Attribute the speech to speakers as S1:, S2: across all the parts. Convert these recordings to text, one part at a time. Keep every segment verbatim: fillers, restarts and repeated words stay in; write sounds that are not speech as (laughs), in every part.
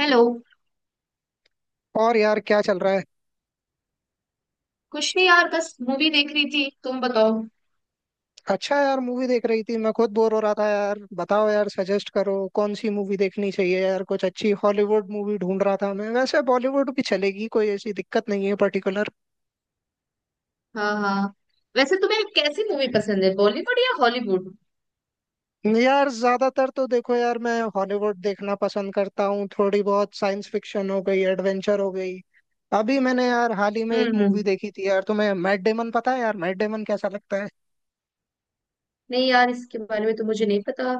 S1: Hello.
S2: और यार क्या चल रहा है।
S1: कुछ नहीं यार, बस मूवी देख रही थी। तुम बताओ।
S2: अच्छा यार मूवी देख रही थी। मैं खुद बोर हो रहा था यार। बताओ यार, सजेस्ट करो कौन सी मूवी देखनी चाहिए यार। कुछ अच्छी हॉलीवुड मूवी ढूंढ रहा था मैं। वैसे बॉलीवुड भी चलेगी, कोई ऐसी दिक्कत नहीं है पर्टिकुलर।
S1: हाँ हाँ। वैसे तुम्हें कैसी मूवी पसंद है, बॉलीवुड या हॉलीवुड?
S2: यार ज्यादातर तो देखो यार मैं हॉलीवुड देखना पसंद करता हूँ। थोड़ी बहुत साइंस फिक्शन हो गई, एडवेंचर हो गई। अभी मैंने यार हाल ही में
S1: हम्म
S2: एक मूवी
S1: हम्म।
S2: देखी थी यार। तुम्हें मैट डेमन पता है? यार मैट डेमन कैसा लगता है?
S1: नहीं यार, इसके बारे में तो मुझे नहीं पता।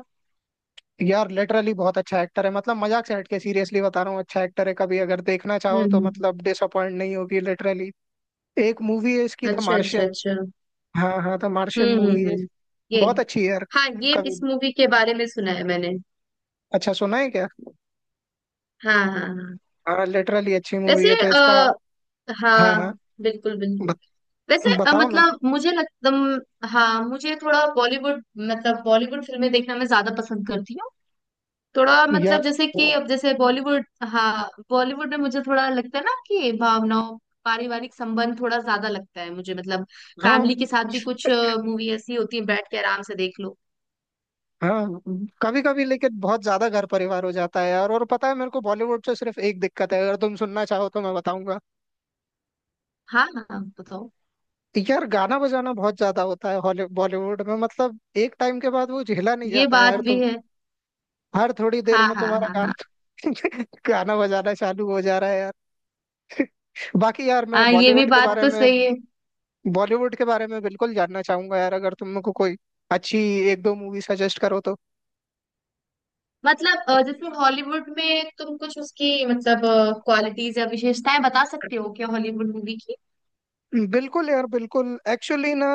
S2: यार लिटरली बहुत अच्छा एक्टर है। मतलब मजाक से हटके सीरियसली बता रहा हूँ, अच्छा एक्टर है। कभी अगर देखना
S1: हम्म
S2: चाहो तो
S1: हम्म।
S2: मतलब डिसअपॉइंट नहीं होगी, लिटरली। एक मूवी है इसकी, द
S1: अच्छा अच्छा
S2: मार्शियन।
S1: अच्छा।
S2: हाँ हाँ, द मार्शियन
S1: हम्म
S2: मूवी
S1: हम्म
S2: है।
S1: हम्म। ये।
S2: बहुत अच्छी है यार।
S1: हाँ, ये इस
S2: कभी।
S1: मूवी के बारे में सुना है मैंने।
S2: अच्छा, सुना है क्या?
S1: हाँ हाँ हाँ।
S2: हाँ लिटरली अच्छी मूवी
S1: वैसे
S2: है, तो इसका।
S1: आ,
S2: हाँ
S1: हाँ
S2: हाँ।
S1: बिल्कुल बिल्कुल।
S2: बत,
S1: वैसे अ,
S2: बताओ ना
S1: मतलब मुझे लगता हाँ, मुझे थोड़ा बॉलीवुड मतलब बॉलीवुड फिल्में देखना मैं ज्यादा पसंद करती हूँ। थोड़ा
S2: यार।
S1: मतलब जैसे कि अब जैसे बॉलीवुड। हाँ, बॉलीवुड में मुझे थोड़ा लगता है ना कि भावनाओं, पारिवारिक संबंध थोड़ा ज्यादा लगता है मुझे मतलब।
S2: हाँ
S1: फैमिली के साथ भी कुछ मूवी ऐसी होती है, बैठ के आराम से देख लो।
S2: हाँ। कभी कभी लेकिन बहुत ज्यादा घर परिवार हो जाता है यार। और पता है मेरे को बॉलीवुड से सिर्फ एक दिक्कत है, अगर तुम सुनना चाहो तो मैं बताऊंगा।
S1: हाँ हाँ बताओ।
S2: यार गाना बजाना बहुत ज्यादा होता है हॉली- बॉलीवुड में, मतलब एक टाइम के बाद वो झेला नहीं
S1: ये
S2: जाता है
S1: बात
S2: यार।
S1: भी
S2: तो
S1: है।
S2: हर थोड़ी देर
S1: हाँ
S2: में
S1: हाँ
S2: तुम्हारा
S1: हाँ हाँ।
S2: गाना (laughs) गाना बजाना चालू हो जा रहा है यार। बाकी यार मैं
S1: हाँ, ये भी
S2: बॉलीवुड के
S1: बात
S2: बारे
S1: तो
S2: में,
S1: सही है।
S2: बॉलीवुड के बारे में बिल्कुल जानना चाहूंगा यार। अगर तुम मेरे को कोई अच्छी एक दो मूवी सजेस्ट करो तो।
S1: मतलब अ, जैसे हॉलीवुड में तुम कुछ उसकी मतलब क्वालिटीज या विशेषताएं बता सकते हो क्या, हॉलीवुड मूवी की?
S2: बिल्कुल यार बिल्कुल। एक्चुअली ना,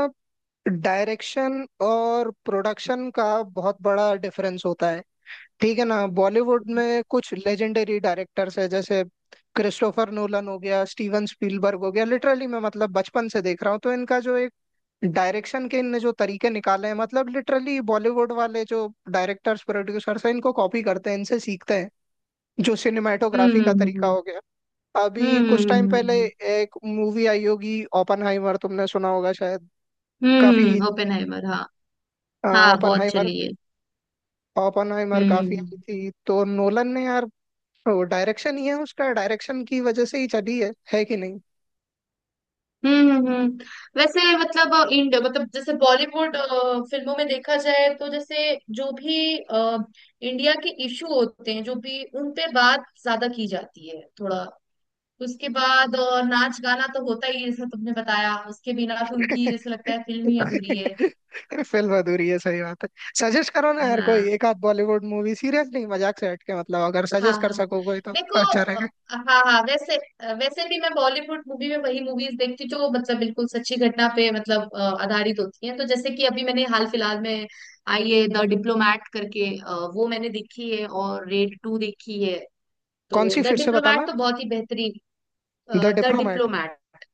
S2: डायरेक्शन और प्रोडक्शन का बहुत बड़ा डिफरेंस होता है, ठीक है ना। बॉलीवुड में कुछ लेजेंडरी डायरेक्टर्स है, जैसे क्रिस्टोफर नोलन हो गया, स्टीवन स्पीलबर्ग हो गया। लिटरली मैं मतलब बचपन से देख रहा हूँ। तो इनका जो एक डायरेक्शन के इनने जो तरीके निकाले हैं मतलब लिटरली बॉलीवुड वाले जो डायरेक्टर्स प्रोड्यूसर्स हैं इनको कॉपी करते हैं, इनसे सीखते हैं। जो सिनेमाटोग्राफी
S1: हम्म
S2: का तरीका
S1: हम्म
S2: हो गया। अभी
S1: हम्म।
S2: कुछ
S1: हम्म
S2: टाइम पहले
S1: हम्म
S2: एक मूवी आई होगी, ओपनहाइमर, तुमने सुना होगा शायद। काफी।
S1: हम्म, ओपेनहाइमर हाँ। हाँ बहुत
S2: ओपनहाइमर,
S1: चली है।
S2: ओपनहाइमर काफी
S1: हम्म
S2: आई थी, तो नोलन ने यार तो डायरेक्शन ही है उसका, डायरेक्शन की वजह से ही चली है है कि नहीं।
S1: हम्म हम्म, हम्म। वैसे मतलब अ, इंड मतलब जैसे बॉलीवुड अ, फिल्मों में देखा जाए तो जैसे जो भी अ, इंडिया के इशू होते हैं, जो भी उन पे बात ज्यादा की जाती है थोड़ा। उसके बाद अ, नाच गाना तो होता ही है, जैसा तुमने बताया उसके बिना तो उनकी जैसे लगता
S2: (laughs)
S1: है फिल्म ही अधूरी है।
S2: फिल्म अधूरी है, सही बात है। सजेस्ट करो ना यार कोई
S1: हाँ
S2: एक आध बॉलीवुड मूवी। सीरियस नहीं मजाक से हट के मतलब अगर
S1: हाँ
S2: सजेस्ट कर
S1: हाँ,
S2: सको कोई तो
S1: देखो
S2: अच्छा
S1: अ,
S2: रहेगा।
S1: हाँ हाँ, वैसे अ, वैसे भी मैं बॉलीवुड मूवी में वही मूवीज देखती हूँ जो मतलब बिल्कुल सच्ची घटना पे मतलब अ, आधारित होती हैं। तो जैसे कि अभी मैंने हाल फिलहाल में आई है द डिप्लोमैट करके, अ, वो मैंने देखी है और रेड टू देखी है।
S2: कौन
S1: तो
S2: सी
S1: द
S2: फिर से
S1: डिप्लोमैट
S2: बताना?
S1: तो बहुत ही बेहतरीन।
S2: The
S1: the
S2: Diplomat.
S1: डिप्लोमैट।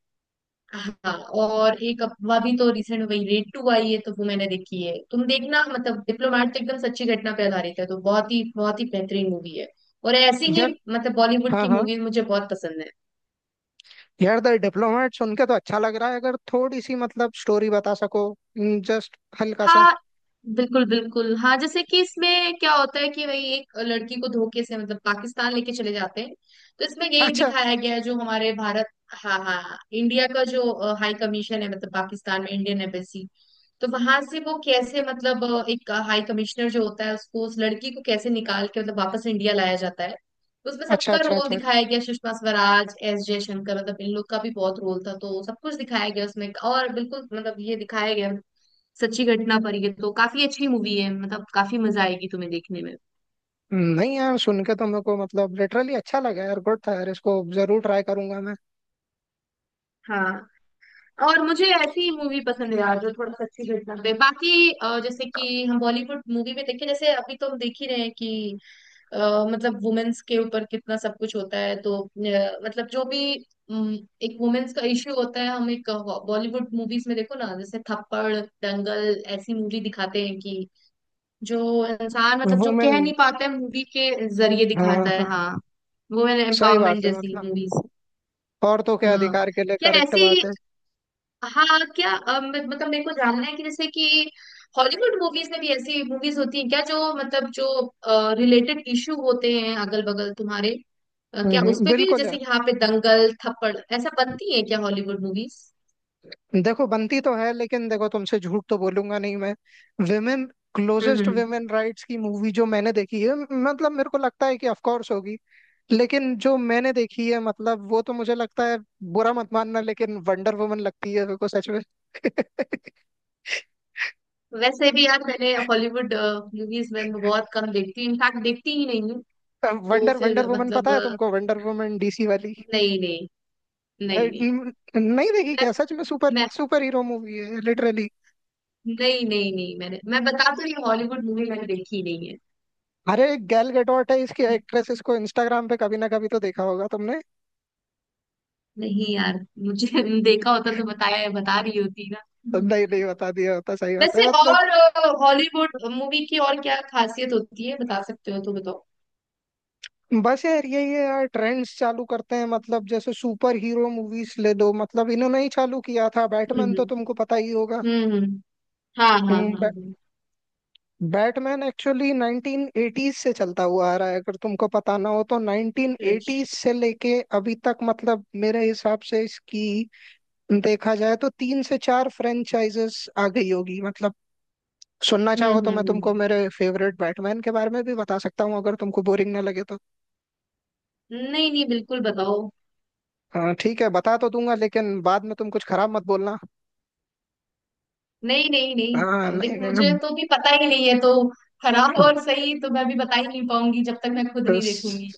S1: हाँ। और एक अफवाह भी, तो रिसेंट में वही रेड टू आई है तो वो मैंने देखी है। तुम देखना मतलब डिप्लोमेट तो एकदम सच्ची घटना पे आधारित है, तो बहुत ही बहुत ही बेहतरीन मूवी है। और ऐसी ही
S2: यार
S1: मतलब बॉलीवुड
S2: हाँ
S1: की
S2: हाँ,
S1: मूवीज मुझे बहुत पसंद है।
S2: यार द डिप्लोमेट सुन के तो अच्छा लग रहा है। अगर थोड़ी सी मतलब स्टोरी बता सको, जस्ट हल्का सा।
S1: हाँ बिल्कुल बिल्कुल। हाँ, जैसे कि इसमें क्या होता है कि वही एक लड़की को धोखे से मतलब पाकिस्तान लेके चले जाते हैं। तो इसमें यही
S2: अच्छा
S1: दिखाया गया है जो हमारे भारत। हाँ हाँ हाँ, इंडिया का जो अ, हाई कमीशन है मतलब पाकिस्तान में इंडियन एम्बेसी। तो वहां से वो कैसे मतलब अ, एक हाई कमिश्नर जो होता है उसको उस लड़की को कैसे निकाल के मतलब वापस इंडिया लाया जाता है। तो उसमें
S2: अच्छा
S1: सबका
S2: अच्छा।
S1: रोल
S2: अच्छा
S1: दिखाया गया, सुषमा स्वराज, एस जयशंकर, मतलब इन लोग का भी बहुत रोल था। तो सब कुछ दिखाया गया उसमें और बिल्कुल मतलब ये दिखाया गया सच्ची घटना पर। ये तो काफी अच्छी मूवी है मतलब काफी मजा आएगी तुम्हें देखने में।
S2: नहीं यार सुन के तो मेरे को मतलब लिटरली अच्छा लगा यार, गुड था यार। इसको जरूर ट्राई करूंगा मैं।
S1: हाँ। और मुझे ऐसी मूवी पसंद है यार जो थोड़ा सच्ची घटना पे, बाकी अ, जैसे कि हम बॉलीवुड मूवी में देखें, जैसे अभी तो हम देख ही रहे हैं कि अ, मतलब वुमेन्स के ऊपर कितना सब कुछ होता है, तो अ, मतलब जो भी अम, एक वुमेन्स का इश्यू होता है हम एक बॉलीवुड मूवीज में देखो ना, जैसे थप्पड़, दंगल, ऐसी मूवी दिखाते हैं कि जो इंसान मतलब जो
S2: वुमेन।
S1: कह नहीं पाता है मूवी के जरिए
S2: हाँ
S1: दिखाता है।
S2: हाँ,
S1: हाँ, वुमेन
S2: सही
S1: एम्पावरमेंट
S2: बात है
S1: जैसी
S2: मतलब,
S1: मूवीज।
S2: औरतों के
S1: हाँ
S2: अधिकार के लिए,
S1: क्या
S2: करेक्ट
S1: ऐसी,
S2: बात है।
S1: हाँ क्या अ, म- मतलब मेरे को जानना है कि जैसे कि हॉलीवुड मूवीज में भी ऐसी मूवीज होती हैं क्या, जो मतलब जो रिलेटेड इशू होते हैं अगल बगल तुम्हारे, अ,
S2: हम्म
S1: क्या
S2: हम्म,
S1: उसपे भी
S2: बिल्कुल यार।
S1: जैसे यहाँ पे दंगल थप्पड़ ऐसा बनती है क्या हॉलीवुड मूवीज?
S2: देखो बनती तो है लेकिन देखो तुमसे झूठ तो बोलूंगा नहीं मैं। विमेन,
S1: हम्म
S2: क्लोजेस्ट
S1: हम्म।
S2: विमेन राइट्स की मूवी जो मैंने देखी है, मतलब मेरे को लगता है कि ऑफ कोर्स होगी, लेकिन जो मैंने देखी है मतलब वो तो मुझे लगता है, बुरा मत मानना, लेकिन वंडर वुमन लगती है मेरे को सच में। (laughs)
S1: वैसे भी यार मैंने हॉलीवुड मूवीज में बहुत कम देखती हूँ, इनफैक्ट देखती ही नहीं हूँ तो
S2: वंडर, वंडर
S1: फिर
S2: वुमन पता
S1: मतलब।
S2: है तुमको? वंडर वुमन डीसी वाली।
S1: नहीं नहीं
S2: अ,
S1: नहीं नहीं।
S2: न- नहीं देखी
S1: मैं
S2: क्या सच में? सुपर
S1: मैं
S2: सुपर हीरो मूवी है लिटरली।
S1: नहीं नहीं नहीं, मैंने मैं बता तो रही हूँ, हॉलीवुड मूवी मैंने देखी नहीं है।
S2: अरे गैल गैडोट है इसकी एक्ट्रेस, इसको इंस्टाग्राम पे कभी ना कभी तो देखा होगा तुमने।
S1: नहीं यार, मुझे (laughs) देखा होता तो बताया, बता रही होती ना।
S2: तो नहीं, नहीं बता दिया होता, सही बात है
S1: वैसे
S2: मतलब।
S1: और हॉलीवुड मूवी की और क्या खासियत होती है, बता सकते हो तो बताओ।
S2: बस यार यही है यार, ट्रेंड्स चालू करते हैं मतलब। जैसे सुपर हीरो मूवीज ले लो, मतलब इन्होंने ही चालू किया था। बैटमैन
S1: हम्म
S2: तो तुमको पता ही होगा।
S1: हम्म हम्म, हाँ हाँ
S2: हम्म,
S1: हाँ
S2: बै,
S1: हाँ,
S2: बैटमैन एक्चुअली नाइन्टीन एटीज़ से चलता हुआ आ रहा है, अगर तुमको पता ना हो तो।
S1: अच्छा अच्छा।
S2: नाइन्टीन एटीज़ से लेके अभी तक मतलब मेरे हिसाब से इसकी देखा जाए तो तीन से चार फ्रेंचाइजेस आ गई होगी। मतलब सुनना
S1: हम्म
S2: चाहो तो
S1: हम्म
S2: मैं तुमको
S1: हम्म।
S2: मेरे फेवरेट बैटमैन के बारे में भी बता सकता हूँ, अगर तुमको बोरिंग ना लगे तो।
S1: नहीं नहीं, बिल्कुल बताओ।
S2: हाँ ठीक है बता तो दूंगा, लेकिन बाद में तुम कुछ खराब मत बोलना।
S1: नहीं नहीं नहीं,
S2: हाँ
S1: अब
S2: नहीं
S1: देखो
S2: नहीं
S1: मुझे
S2: नहीं,
S1: तो भी पता ही नहीं है तो खराब और सही तो मैं भी बता ही नहीं पाऊंगी जब तक मैं खुद नहीं
S2: बस
S1: देखूंगी।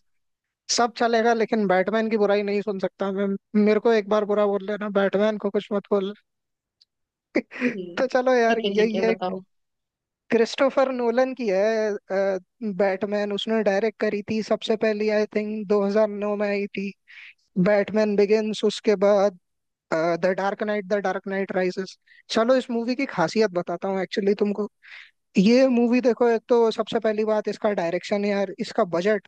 S2: सब चलेगा, लेकिन बैटमैन की बुराई नहीं सुन सकता मैं। मेरे को एक बार बुरा बोल लेना, बैटमैन को कुछ मत बोल।
S1: हम्म,
S2: तो चलो यार,
S1: ठीक है
S2: ये
S1: ठीक है,
S2: ये
S1: बताओ।
S2: क्रिस्टोफर नोलन की है। बैटमैन उसने डायरेक्ट करी थी, सबसे पहली आई थिंक दो हज़ार नौ में आई थी, बैटमैन बिगिंस। उसके बाद the dark knight, the dark knight rises. चलो इस मूवी की खासियत बताता हूँ एक्चुअली तुमको। ये मूवी देखो, एक तो सबसे पहली बात इसका डायरेक्शन यार, इसका बजट,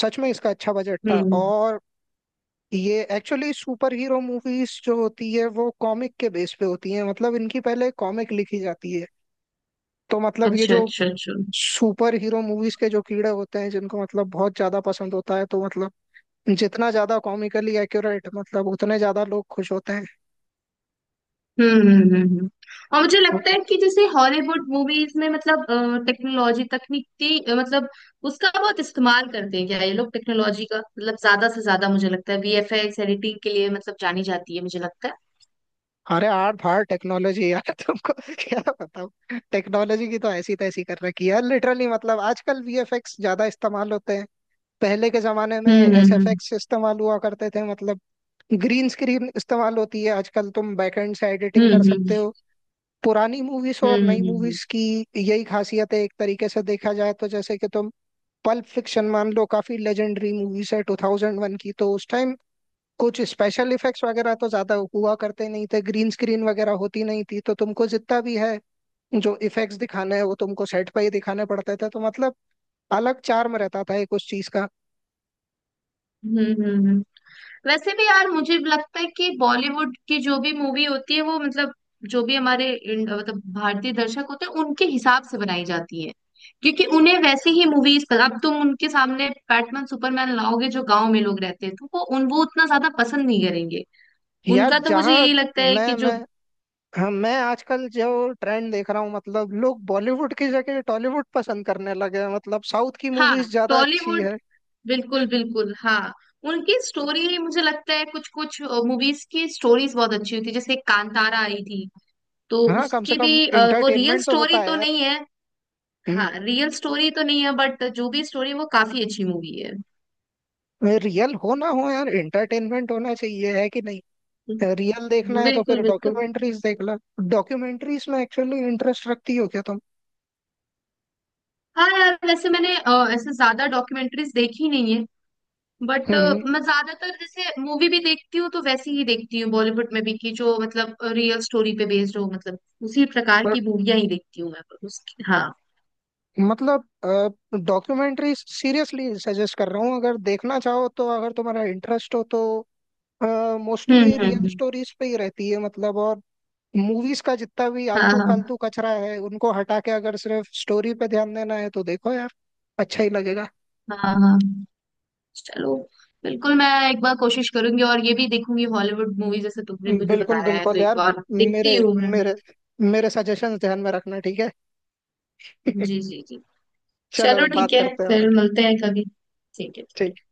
S2: सच में इसका अच्छा बजट था।
S1: हम्म,
S2: और ये एक्चुअली, सुपर हीरो मूवीज जो होती है वो कॉमिक के बेस पे होती है, मतलब इनकी पहले कॉमिक लिखी जाती है। तो मतलब ये
S1: अच्छा
S2: जो
S1: अच्छा अच्छा।
S2: सुपर हीरो मूवीज के जो कीड़े होते हैं जिनको मतलब बहुत ज्यादा पसंद होता है, तो मतलब जितना ज्यादा कॉमिकली एक्यूरेट मतलब उतने ज्यादा लोग खुश होते
S1: हम्म हम्म हम्म हम्म। और मुझे लगता
S2: हैं।
S1: है कि जैसे हॉलीवुड मूवीज में मतलब टेक्नोलॉजी तकनीक की अ, मतलब उसका बहुत इस्तेमाल करते हैं क्या ये लोग, टेक्नोलॉजी का मतलब ज्यादा से ज्यादा मुझे लगता है वी एफ एक्स एडिटिंग के लिए मतलब जानी जाती है, मुझे लगता है।
S2: अरे आर्ट फाड़ टेक्नोलॉजी (laughs) यार तुमको क्या बताऊं, टेक्नोलॉजी की तो ऐसी तैसी कर रखी है यार, लिटरली। मतलब आजकल वीएफएक्स ज्यादा इस्तेमाल होते हैं, पहले के जमाने में
S1: हम्म हम्म
S2: एसएफएक्स इस्तेमाल हुआ करते थे। मतलब ग्रीन स्क्रीन इस्तेमाल होती है आजकल, तुम बैकएंड से एडिटिंग कर
S1: हम्म
S2: सकते हो। पुरानी मूवीज और
S1: हम्म
S2: नई
S1: हम्म
S2: मूवीज की यही खासियत है एक तरीके से देखा जाए तो। जैसे कि तुम पल्प फिक्शन मान लो, काफी लेजेंडरी मूवीज है ट्वेंटी ओ वन की। तो उस टाइम कुछ स्पेशल इफेक्ट्स वगैरह तो ज्यादा हुआ करते नहीं थे, ग्रीन स्क्रीन वगैरह होती नहीं थी। तो तुमको जितना भी है जो इफेक्ट्स दिखाने हैं वो तुमको सेट पे ही दिखाने पड़ते थे। तो मतलब अलग चार्म रहता था एक उस चीज का
S1: हम्म हम्म हम्म हम्म हम्म, हम्म, हम्म, हम्म, वैसे भी यार मुझे लगता है कि बॉलीवुड की जो भी मूवी होती है वो मतलब जो भी हमारे इंड- मतलब भारतीय दर्शक होते हैं उनके हिसाब से बनाई जाती है। क्योंकि उन्हें वैसे ही मूवीज, अब तुम उनके सामने बैटमैन सुपरमैन लाओगे, जो गांव में लोग रहते हैं तो वो उन वो उतना ज्यादा पसंद नहीं करेंगे।
S2: यार।
S1: उनका तो मुझे
S2: जहाँ
S1: यही लगता है कि
S2: मैं
S1: जो।
S2: मैं, हाँ, मैं आजकल जो ट्रेंड देख रहा हूँ मतलब लोग बॉलीवुड की जगह टॉलीवुड पसंद करने लगे हैं, मतलब साउथ की
S1: हाँ,
S2: मूवीज ज्यादा अच्छी
S1: टॉलीवुड,
S2: है।
S1: बिल्कुल बिल्कुल हाँ। उनकी स्टोरी मुझे लगता है कुछ कुछ मूवीज की स्टोरीज बहुत अच्छी होती है। जैसे कांतारा आई थी, तो
S2: हाँ कम से
S1: उसकी भी
S2: कम
S1: अ, वो रियल
S2: इंटरटेनमेंट तो
S1: स्टोरी
S2: होता है
S1: तो
S2: यार।
S1: नहीं है। हाँ, रियल स्टोरी तो नहीं है बट जो भी स्टोरी, वो काफी अच्छी मूवी है।
S2: रियल हो ना हो यार इंटरटेनमेंट होना चाहिए, है कि नहीं? रियल देखना है तो
S1: बिल्कुल
S2: फिर
S1: बिल्कुल।
S2: डॉक्यूमेंट्रीज देख लो। डॉक्यूमेंट्रीज में एक्चुअली इंटरेस्ट रखती हो क्या तुम?
S1: हाँ यार, वैसे मैंने अ, ऐसे ज्यादा डॉक्यूमेंट्रीज देखी नहीं है बट
S2: हम्म।
S1: मैं ज्यादातर, जैसे मूवी भी देखती हूँ तो वैसी ही देखती हूँ बॉलीवुड में भी, कि जो मतलब रियल स्टोरी पे बेस्ड हो मतलब उसी प्रकार
S2: पर
S1: की मूवियां ही देखती हूँ मैं। उसकी हाँ।
S2: मतलब डॉक्यूमेंट्रीज सीरियसली सजेस्ट कर रहा हूँ, अगर देखना चाहो तो, अगर तुम्हारा इंटरेस्ट हो तो।
S1: हम्म
S2: मोस्टली
S1: हम्म
S2: रियल
S1: हम्म।
S2: स्टोरीज पे ही रहती है मतलब, और मूवीज का जितना भी
S1: हाँ
S2: आलतू
S1: हाँ
S2: फालतू कचरा है उनको हटा के अगर सिर्फ स्टोरी पे ध्यान देना है तो देखो यार, अच्छा ही लगेगा।
S1: हाँ हाँ, चलो, बिल्कुल मैं एक बार कोशिश करूंगी और ये भी देखूंगी हॉलीवुड मूवी जैसे तुमने मुझे
S2: बिल्कुल
S1: बताया है, तो
S2: बिल्कुल
S1: एक
S2: यार।
S1: बार
S2: मेरे
S1: देखती हूँ मैं।
S2: मेरे मेरे सजेशंस ध्यान में रखना, ठीक है।
S1: जी जी जी।
S2: (laughs)
S1: चलो
S2: चलो
S1: ठीक
S2: बात
S1: है,
S2: करते हैं।
S1: फिर मिलते हैं कभी। ठीक है।
S2: ठीक।